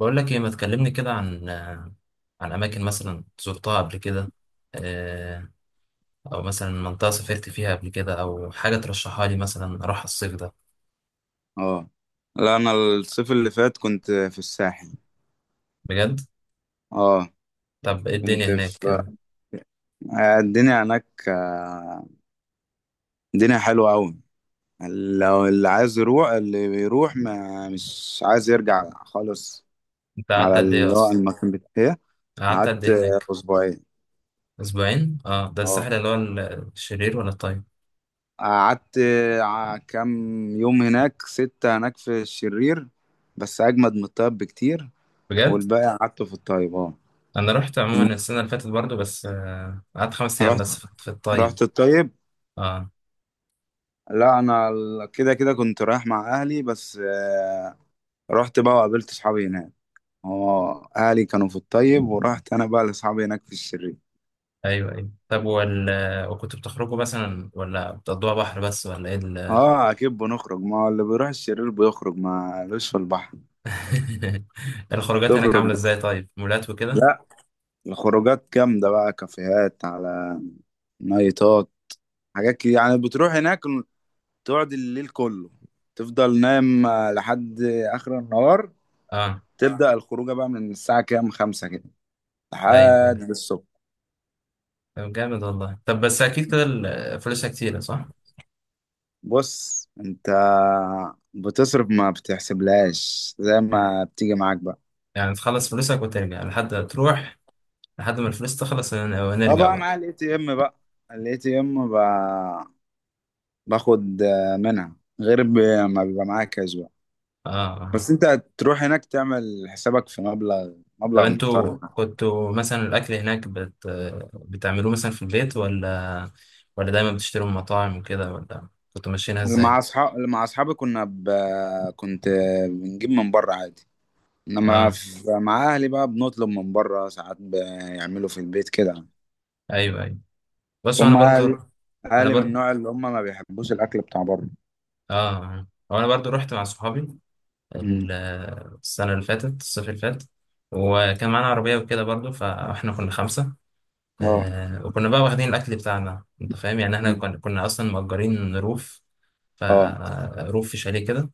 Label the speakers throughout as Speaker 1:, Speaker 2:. Speaker 1: بقول لك ايه؟ ما تكلمني كده عن اماكن مثلا زرتها قبل كده. آه، او مثلا منطقه سافرت فيها قبل كده او حاجه ترشحها لي مثلا اروح الصيف ده.
Speaker 2: اه. لا، انا الصيف اللي فات كنت في الساحل.
Speaker 1: بجد؟
Speaker 2: اه،
Speaker 1: طب ايه الدنيا
Speaker 2: كنت
Speaker 1: هناك
Speaker 2: في
Speaker 1: كده؟
Speaker 2: آه، الدنيا هناك، الدنيا حلوة قوي. لو اللي عايز يروح اللي بيروح ما مش عايز يرجع خالص،
Speaker 1: انت قعدت
Speaker 2: على
Speaker 1: قد ايه
Speaker 2: اللي هو
Speaker 1: اصلا؟
Speaker 2: المكان بتاعي.
Speaker 1: قعدت قد
Speaker 2: قعدت
Speaker 1: ايه هناك؟
Speaker 2: اسبوعين.
Speaker 1: اسبوعين؟ اه، ده
Speaker 2: اه.
Speaker 1: الساحل اللي هو الشرير ولا الطيب؟
Speaker 2: قعدت كام يوم هناك، ستة، هناك في الشرير، بس اجمد من الطيب بكتير،
Speaker 1: بجد؟
Speaker 2: والباقي قعدته في الطيب. اه.
Speaker 1: انا رحت عموما السنه اللي فاتت برضو بس، قعدت 5 ايام
Speaker 2: رحت
Speaker 1: بس في الطيب.
Speaker 2: رحت الطيب.
Speaker 1: اه.
Speaker 2: لا انا كده كده كنت رايح مع اهلي بس، رحت بقى وقابلت اصحابي هناك. اه، اهلي كانوا في الطيب ورحت انا بقى لاصحابي هناك في الشرير.
Speaker 1: ايوه، ايوه. طب وكنت بتخرجوا مثلا ولا بتقضوها بحر بس ولا ايه؟
Speaker 2: اه، اكيد بنخرج، ما هو اللي بيروح الشرير بيخرج، ما لوش في البحر.
Speaker 1: الخروجات هناك
Speaker 2: تخرج
Speaker 1: عاملة ازاي؟ طيب، مولات وكده؟
Speaker 2: لا، الخروجات جامده بقى، كافيهات، على نايتات، حاجات كده يعني. بتروح هناك تقعد الليل كله، تفضل نايم لحد اخر النهار.
Speaker 1: اه.
Speaker 2: تبدأ الخروجه بقى من الساعه كام، خمسة كده،
Speaker 1: ايوه، ايوه.
Speaker 2: لحد الصبح.
Speaker 1: طب جامد والله. طب بس اكيد كده فلوسها كتيرة، صح؟
Speaker 2: بص انت بتصرف، ما بتحسبلهاش، زي ما بتيجي معاك بقى.
Speaker 1: يعني تخلص فلوسك وترجع لحد تروح، لحد ما الفلوس تخلص
Speaker 2: اه،
Speaker 1: ونرجع
Speaker 2: بقى
Speaker 1: بقى.
Speaker 2: معايا الاي تي ام بقى، الاي تي ام، باخد منها، غير ب- ما بيبقى معاك كاش بقى.
Speaker 1: اه، آه.
Speaker 2: بس انت تروح هناك تعمل حسابك في مبلغ
Speaker 1: طب
Speaker 2: مبلغ
Speaker 1: انتوا
Speaker 2: محترم يعني.
Speaker 1: كنتوا مثلا الاكل هناك بتعملوه مثلا في البيت، ولا دايما بتشتروا من مطاعم وكده؟ ولا كنتوا ماشيينها ازاي؟
Speaker 2: اللي مع اصحابي كنا ب... كنت بنجيب من بره عادي. انما
Speaker 1: اه.
Speaker 2: مع اهلي بقى، بنطلب من بره، ساعات بيعملوا في البيت كده.
Speaker 1: ايوه، ايوه. بصوا انا
Speaker 2: هم
Speaker 1: برضو،
Speaker 2: عالي،
Speaker 1: انا
Speaker 2: عالي من
Speaker 1: برضو.
Speaker 2: النوع اللي هم ما بيحبوش الاكل بتاع بره.
Speaker 1: اه، هو انا برضو رحت مع صحابي، ال-
Speaker 2: مم.
Speaker 1: السنة اللي فاتت، الصيف اللي فات، وكان معانا عربية وكده برضو، فاحنا كنا خمسة.
Speaker 2: اه.
Speaker 1: وكنا بقى واخدين الأكل بتاعنا، أنت فاهم يعني. احنا
Speaker 2: مم.
Speaker 1: كنا أصلا مأجرين روف،
Speaker 2: اه.
Speaker 1: فروف في شاليه كده.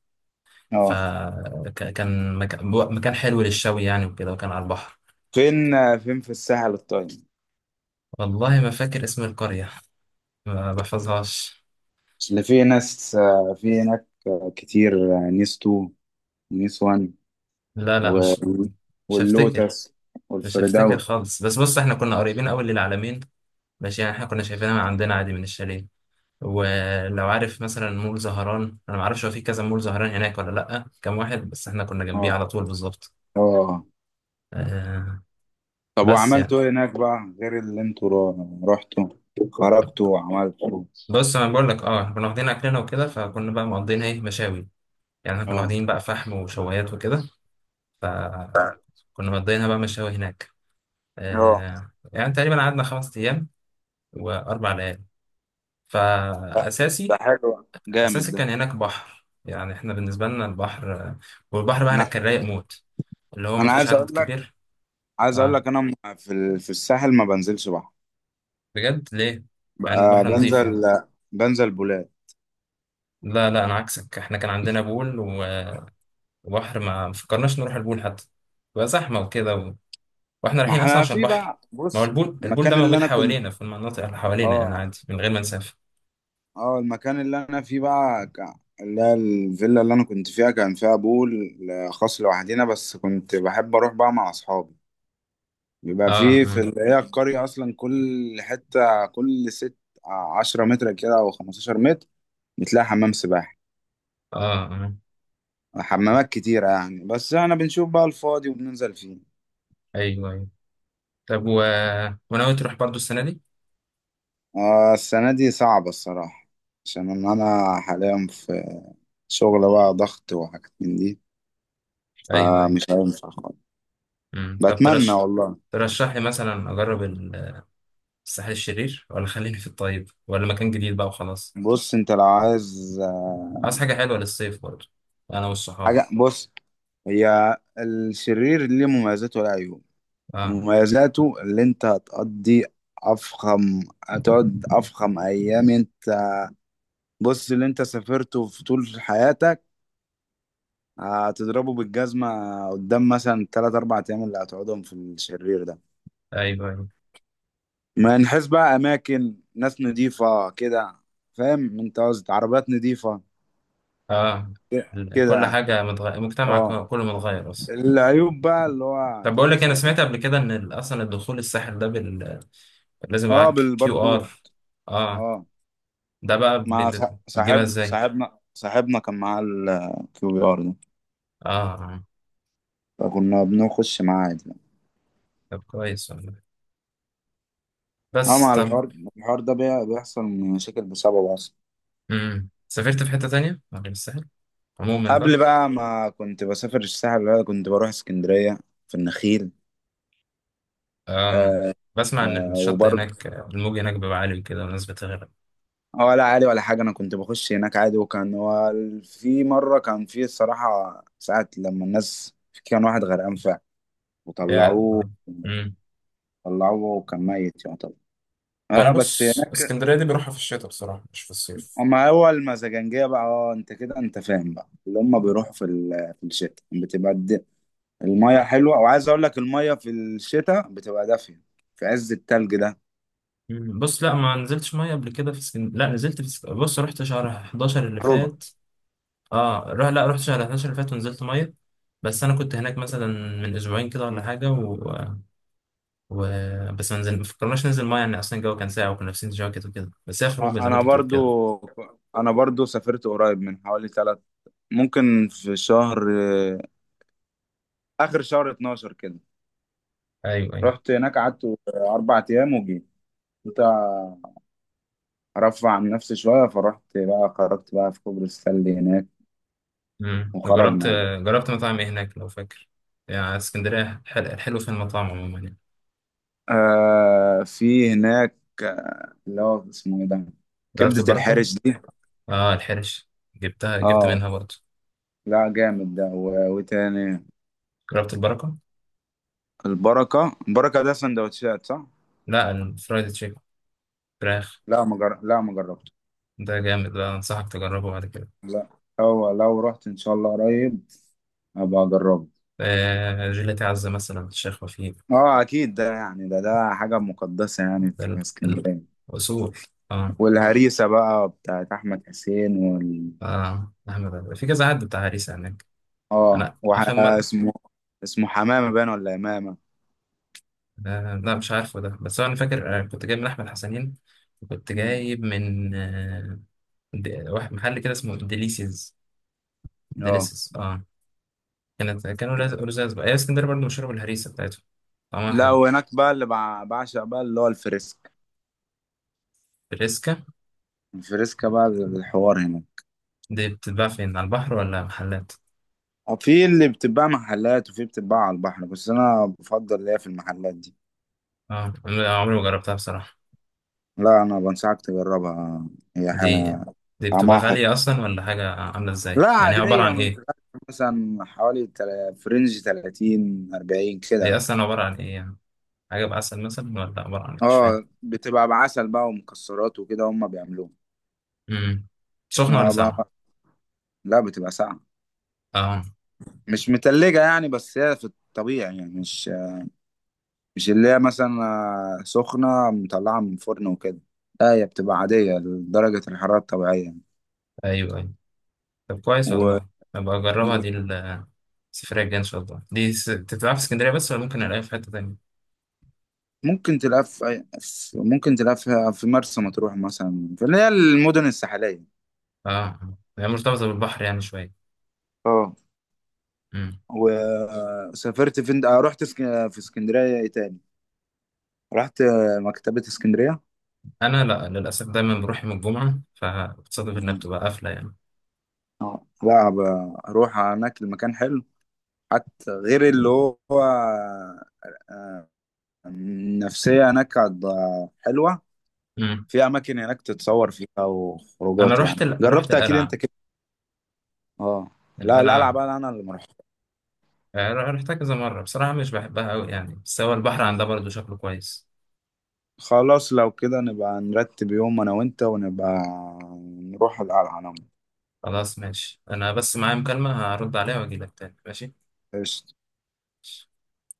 Speaker 2: اه.
Speaker 1: فكان مكان مكان حلو للشوي يعني وكده، وكان على البحر.
Speaker 2: فين؟ فين في الساحل الطيب؟
Speaker 1: والله ما فاكر اسم القرية، ما بحفظهاش.
Speaker 2: اللي في ناس في هناك كتير، نيس تو ونيس وان
Speaker 1: لا، لا،
Speaker 2: و-
Speaker 1: مش، مش
Speaker 2: واللوتس
Speaker 1: هفتكر. مش هفتكر
Speaker 2: والفردوس.
Speaker 1: خالص، بس بص احنا كنا قريبين قوي للعلمين، ماشي؟ يعني احنا كنا شايفينها من عندنا عادي من الشاليه. ولو عارف مثلا مول زهران، انا ما اعرفش هو في كذا مول زهران هناك ولا لا، كام واحد، بس احنا كنا
Speaker 2: اه.
Speaker 1: جنبيه على طول بالظبط.
Speaker 2: اه.
Speaker 1: آه.
Speaker 2: طب
Speaker 1: بس يعني،
Speaker 2: وعملتوا ايه هناك بقى غير اللي انتوا رحتوا، خرجتوا وعملتوا؟
Speaker 1: بص انا بقول لك، اه، إحنا كنا واخدين اكلنا وكده، فكنا بقى مقضيين ايه، مشاوي. يعني احنا كنا
Speaker 2: اه.
Speaker 1: واخدين بقى فحم وشوايات وكده، فكنا مقضيينها بقى مشاوي هناك.
Speaker 2: اه.
Speaker 1: يعني تقريبا قعدنا 5 ايام و4 ليالي.
Speaker 2: ده ده
Speaker 1: فاساسي،
Speaker 2: حلو، جامد
Speaker 1: اساسي
Speaker 2: ده.
Speaker 1: كان هناك بحر، يعني احنا بالنسبه لنا البحر، والبحر بقى هناك
Speaker 2: انا
Speaker 1: كان رايق موت، اللي هو
Speaker 2: أنا
Speaker 1: مفيش
Speaker 2: عايز اقول
Speaker 1: عدد
Speaker 2: لك،
Speaker 1: كبير. اه،
Speaker 2: انا في في الساحل ما بنزلش بحر
Speaker 1: بجد؟ ليه؟ مع
Speaker 2: بقى،
Speaker 1: ان البحر نضيف يعني.
Speaker 2: بنزل، بولاد.
Speaker 1: لا، لا، انا عكسك، احنا كان عندنا بول وبحر، ما فكرناش نروح البول حتى، بقى زحمه وكده واحنا
Speaker 2: ما
Speaker 1: رايحين اصلا
Speaker 2: احنا
Speaker 1: عشان
Speaker 2: في
Speaker 1: بحر.
Speaker 2: بقى.
Speaker 1: ما هو
Speaker 2: بص
Speaker 1: البول البول ده
Speaker 2: المكان اللي
Speaker 1: موجود
Speaker 2: انا كنت.
Speaker 1: حوالينا في المناطق اللي حوالينا يعني،
Speaker 2: اه.
Speaker 1: عادي من غير ما نسافر.
Speaker 2: اه، المكان اللي انا فيه بقى ك- اللي هي الفيلا اللي انا كنت فيها كان فيها بول خاص لوحدينا، بس كنت بحب اروح بقى مع اصحابي. بيبقى
Speaker 1: اه،
Speaker 2: فيه في
Speaker 1: اه،
Speaker 2: اللي هي القرية اصلا، كل حتة، كل ست آه، 10 متر كده او 15 متر بتلاقي حمام سباحة،
Speaker 1: اه، آه.
Speaker 2: حمامات كتيرة يعني، بس احنا بنشوف بقى الفاضي وبننزل فيه.
Speaker 1: ايوه، ايوه. طب وناوي تروح برضو السنه دي؟
Speaker 2: السنة دي صعبة الصراحة، عشان إن أنا حاليا في شغل بقى، ضغط وحاجات من دي،
Speaker 1: ايوه، ايوه.
Speaker 2: فمش هينفع خالص.
Speaker 1: مم. طب
Speaker 2: بتمنى والله.
Speaker 1: ترشح لي مثلا اجرب الساحل الشرير، ولا خليني في الطيب، ولا مكان جديد بقى وخلاص؟
Speaker 2: بص أنت لو عايز،
Speaker 1: عايز حاجه حلوه للصيف برضو، انا والصحاب.
Speaker 2: حاجة، بص، هي الشرير ليه مميزاته وله عيوب.
Speaker 1: اه.
Speaker 2: مميزاته اللي أنت هتقضي، أفخم هتقعد أفخم أيام أنت. بص، اللي أنت سافرته في طول حياتك هتضربه بالجزمة قدام مثلا تلات أربع أيام اللي هتقعدهم في الشرير ده.
Speaker 1: ايوه، ايوه.
Speaker 2: ما نحس بقى، اماكن، ناس نضيفه كده، فاهم انت قصدي، عربيات نضيفه
Speaker 1: اه،
Speaker 2: كده
Speaker 1: كل
Speaker 2: يعني.
Speaker 1: حاجه متغير، المجتمع
Speaker 2: اه،
Speaker 1: كله متغير اصلا.
Speaker 2: العيوب بقى اللي هو
Speaker 1: طب بقول
Speaker 2: تاخد
Speaker 1: لك انا
Speaker 2: ساعات.
Speaker 1: سمعت قبل كده ان اصلا الدخول الساحل ده لازم يبقى
Speaker 2: اه،
Speaker 1: معاك QR.
Speaker 2: بالباركود.
Speaker 1: اه.
Speaker 2: اه،
Speaker 1: ده بقى
Speaker 2: مع
Speaker 1: بتجيبها
Speaker 2: صاحب،
Speaker 1: ازاي؟
Speaker 2: صاحبنا كان معاه الكيو بي ار ده،
Speaker 1: اه، آه.
Speaker 2: فكنا بنخش معاه عادي يعني.
Speaker 1: طب كويس والله.
Speaker 2: اه،
Speaker 1: بس
Speaker 2: مع
Speaker 1: طب،
Speaker 2: الحوار ده بيحصل مشاكل بسببه اصلا.
Speaker 1: سافرت في حته تانية غير الساحل عموما بقى؟
Speaker 2: قبل بقى ما كنت بسافر الساحل، بقى كنت بروح اسكندرية، في النخيل.
Speaker 1: اه،
Speaker 2: آه.
Speaker 1: بسمع ان
Speaker 2: آه.
Speaker 1: الشط هناك، الموج هناك بيبقى عالي وكده والناس بتغرق.
Speaker 2: ولا عالي ولا حاجة، أنا كنت بخش هناك عادي، وكان هو في مرة كان، في الصراحة ساعة لما الناس، كان واحد غرقان فعلا
Speaker 1: يا
Speaker 2: وطلعوه،
Speaker 1: الله. امم.
Speaker 2: وكان ميت يعتبر.
Speaker 1: انا
Speaker 2: اه، بس
Speaker 1: بص،
Speaker 2: هناك.
Speaker 1: اسكندريه دي بروحها في الشتاء بصراحه مش في الصيف.
Speaker 2: أما هو المزاجنجية بقى، اه أنت كده أنت فاهم بقى، اللي هما بيروحوا في في الشتاء بتبقى المية حلوة، وعايز أقول لك المية في الشتاء بتبقى دافية في عز التلج ده.
Speaker 1: مم. بص، لا، ما نزلتش ميه قبل كده في لا، نزلت في بص رحت شهر 11 اللي
Speaker 2: ربع.
Speaker 1: فات، لا، رحت شهر 11 اللي فات ونزلت ميه. بس انا كنت هناك مثلا من اسبوعين كده ولا حاجه و... بس ما فكرناش ننزل ميه، يعني اصلا الجو كان ساقع وكنا لابسين جواكت وكده، بس هي خروجه زي ما
Speaker 2: أنا
Speaker 1: انت بتقول كده.
Speaker 2: برضو أنا برضو سافرت قريب، من حوالي ثلاث، ممكن في شهر، آخر شهر 12 كده،
Speaker 1: ايوه، ايوه.
Speaker 2: رحت هناك، قعدت 4 أيام وجيت. كنت أرفع عن نفسي شوية، فرحت بقى، خرجت بقى في كوبري السلة هناك
Speaker 1: جربت،
Speaker 2: وخرجنا يعني.
Speaker 1: جربت مطاعم ايه هناك لو فاكر؟ يعني اسكندريه الحلو في المطاعم عموما يعني.
Speaker 2: آه في هناك، اللي هو اسمه إيه ده،
Speaker 1: جربت
Speaker 2: كبدة
Speaker 1: البركه؟
Speaker 2: الحارس دي.
Speaker 1: اه، الحرش. جبت
Speaker 2: اه،
Speaker 1: منها برضه.
Speaker 2: لا جامد ده وتاني.
Speaker 1: جربت البركه؟
Speaker 2: البركة، ده سندوتشات صح؟
Speaker 1: لا، الفرايد تشيكن، فراخ.
Speaker 2: لا ما جربته.
Speaker 1: ده جامد ده، أنصحك تجربه بعد كده.
Speaker 2: لا، هو لو رحت إن شاء الله قريب أبقى أجربه.
Speaker 1: جيلاتي عزة مثلا، الشيخ وفيق.
Speaker 2: اه اكيد ده يعني، ده حاجه مقدسه يعني
Speaker 1: ده
Speaker 2: في
Speaker 1: ال-
Speaker 2: اسكندريه.
Speaker 1: الأصول. آه.
Speaker 2: والهريسه بقى بتاعت احمد حسين
Speaker 1: أحمد في كذا حد بتاع هريسة هناك.
Speaker 2: اه
Speaker 1: أنا آخر مرة،
Speaker 2: اسمه حمامه باين ولا امامه.
Speaker 1: لا مش عارفه ده، بس أنا فاكر، كنت جايب من أحمد حسنين، وكنت
Speaker 2: مم.
Speaker 1: جايب من واحد محل كده اسمه ديليسيز.
Speaker 2: اه،
Speaker 1: ديليسيز، آه. كانوا لزاز بقى. هي اسكندرية برضه مشهورة بالهريسة بتاعتهم، طعمها
Speaker 2: لا
Speaker 1: حلو.
Speaker 2: وهناك بقى اللي بعشق بقى اللي هو الفريسك،
Speaker 1: الريسكا
Speaker 2: الفريسكا بقى الحوار هنا.
Speaker 1: دي بتتباع فين، على البحر ولا محلات؟
Speaker 2: في اللي بتتباع محلات وفي بتتباع على البحر، بس انا بفضل ليا في المحلات دي.
Speaker 1: اه، أنا عمري ما جربتها بصراحة.
Speaker 2: لا انا بنصحك تجربها، هي
Speaker 1: دي دي بتبقى
Speaker 2: طعمها حلو.
Speaker 1: غالية أصلا ولا حاجة، عاملة إزاي؟
Speaker 2: لا
Speaker 1: يعني هي عبارة
Speaker 2: عادية،
Speaker 1: عن
Speaker 2: من
Speaker 1: إيه؟
Speaker 2: مثلا حوالي في رينج 30 40
Speaker 1: هي
Speaker 2: كده.
Speaker 1: أصلا عبارة عن إيه يعني؟ حاجة بعسل مثلا ولا عبارة عن إيه؟ مش فاهم.
Speaker 2: اه، بتبقى بعسل بقى ومكسرات وكده، هم بيعملوها.
Speaker 1: امم سخنة ولا
Speaker 2: آه
Speaker 1: ساقعة؟
Speaker 2: بقى. لا بتبقى ساقعة،
Speaker 1: أه.
Speaker 2: مش متلجة يعني، بس هي في الطبيعي يعني، مش اللي هي مثلا سخنة مطلعة من فرن وكده، لا هي بتبقى عادية لدرجة الحرارة الطبيعية.
Speaker 1: أيوه، أيوه. طب كويس
Speaker 2: و...
Speaker 1: والله، أبقى أجربها دي. السفرية الجاية إن شاء الله، دي تتلعب في اسكندرية بس ولا ممكن ألاقيها في حتة تانية؟
Speaker 2: ممكن تلاقيها في ممكن تلاقيها في مرسى مطروح مثلا، في اللي هي المدن الساحلية.
Speaker 1: أه، هي مرتبطة بالبحر يعني شوية.
Speaker 2: اه،
Speaker 1: امم
Speaker 2: وسافرت فين، رحت في اسكندرية إيه تاني، رحت مكتبة اسكندرية.
Speaker 1: أنا لأ، للأسف دايما بروح يوم الجمعة، فبتصادف إنها
Speaker 2: مم.
Speaker 1: بتبقى قافلة يعني.
Speaker 2: اه، لا اروح هناك المكان حلو، حتى غير اللي هو، آه، النفسية هناك حلوة.
Speaker 1: امم
Speaker 2: في أماكن هناك تتصور فيها
Speaker 1: أنا
Speaker 2: وخروجات
Speaker 1: رحت
Speaker 2: يعني،
Speaker 1: رحت
Speaker 2: جربت أكيد
Speaker 1: القلعة.
Speaker 2: أنت كده. اه، لا القلعة
Speaker 1: القلعة،
Speaker 2: بقى أنا اللي مروح.
Speaker 1: رحتها كذا مرة بصراحة، مش بحبها أوي يعني، بس هو البحر عندها
Speaker 2: مم.
Speaker 1: برضه شكله كويس.
Speaker 2: خلاص لو كده نبقى نرتب يوم أنا وأنت، ونبقى نروح القلعة أنا وأنت.
Speaker 1: خلاص ماشي، أنا بس معايا مكالمة هرد عليها وأجيلك تاني، ماشي؟
Speaker 2: قشطة.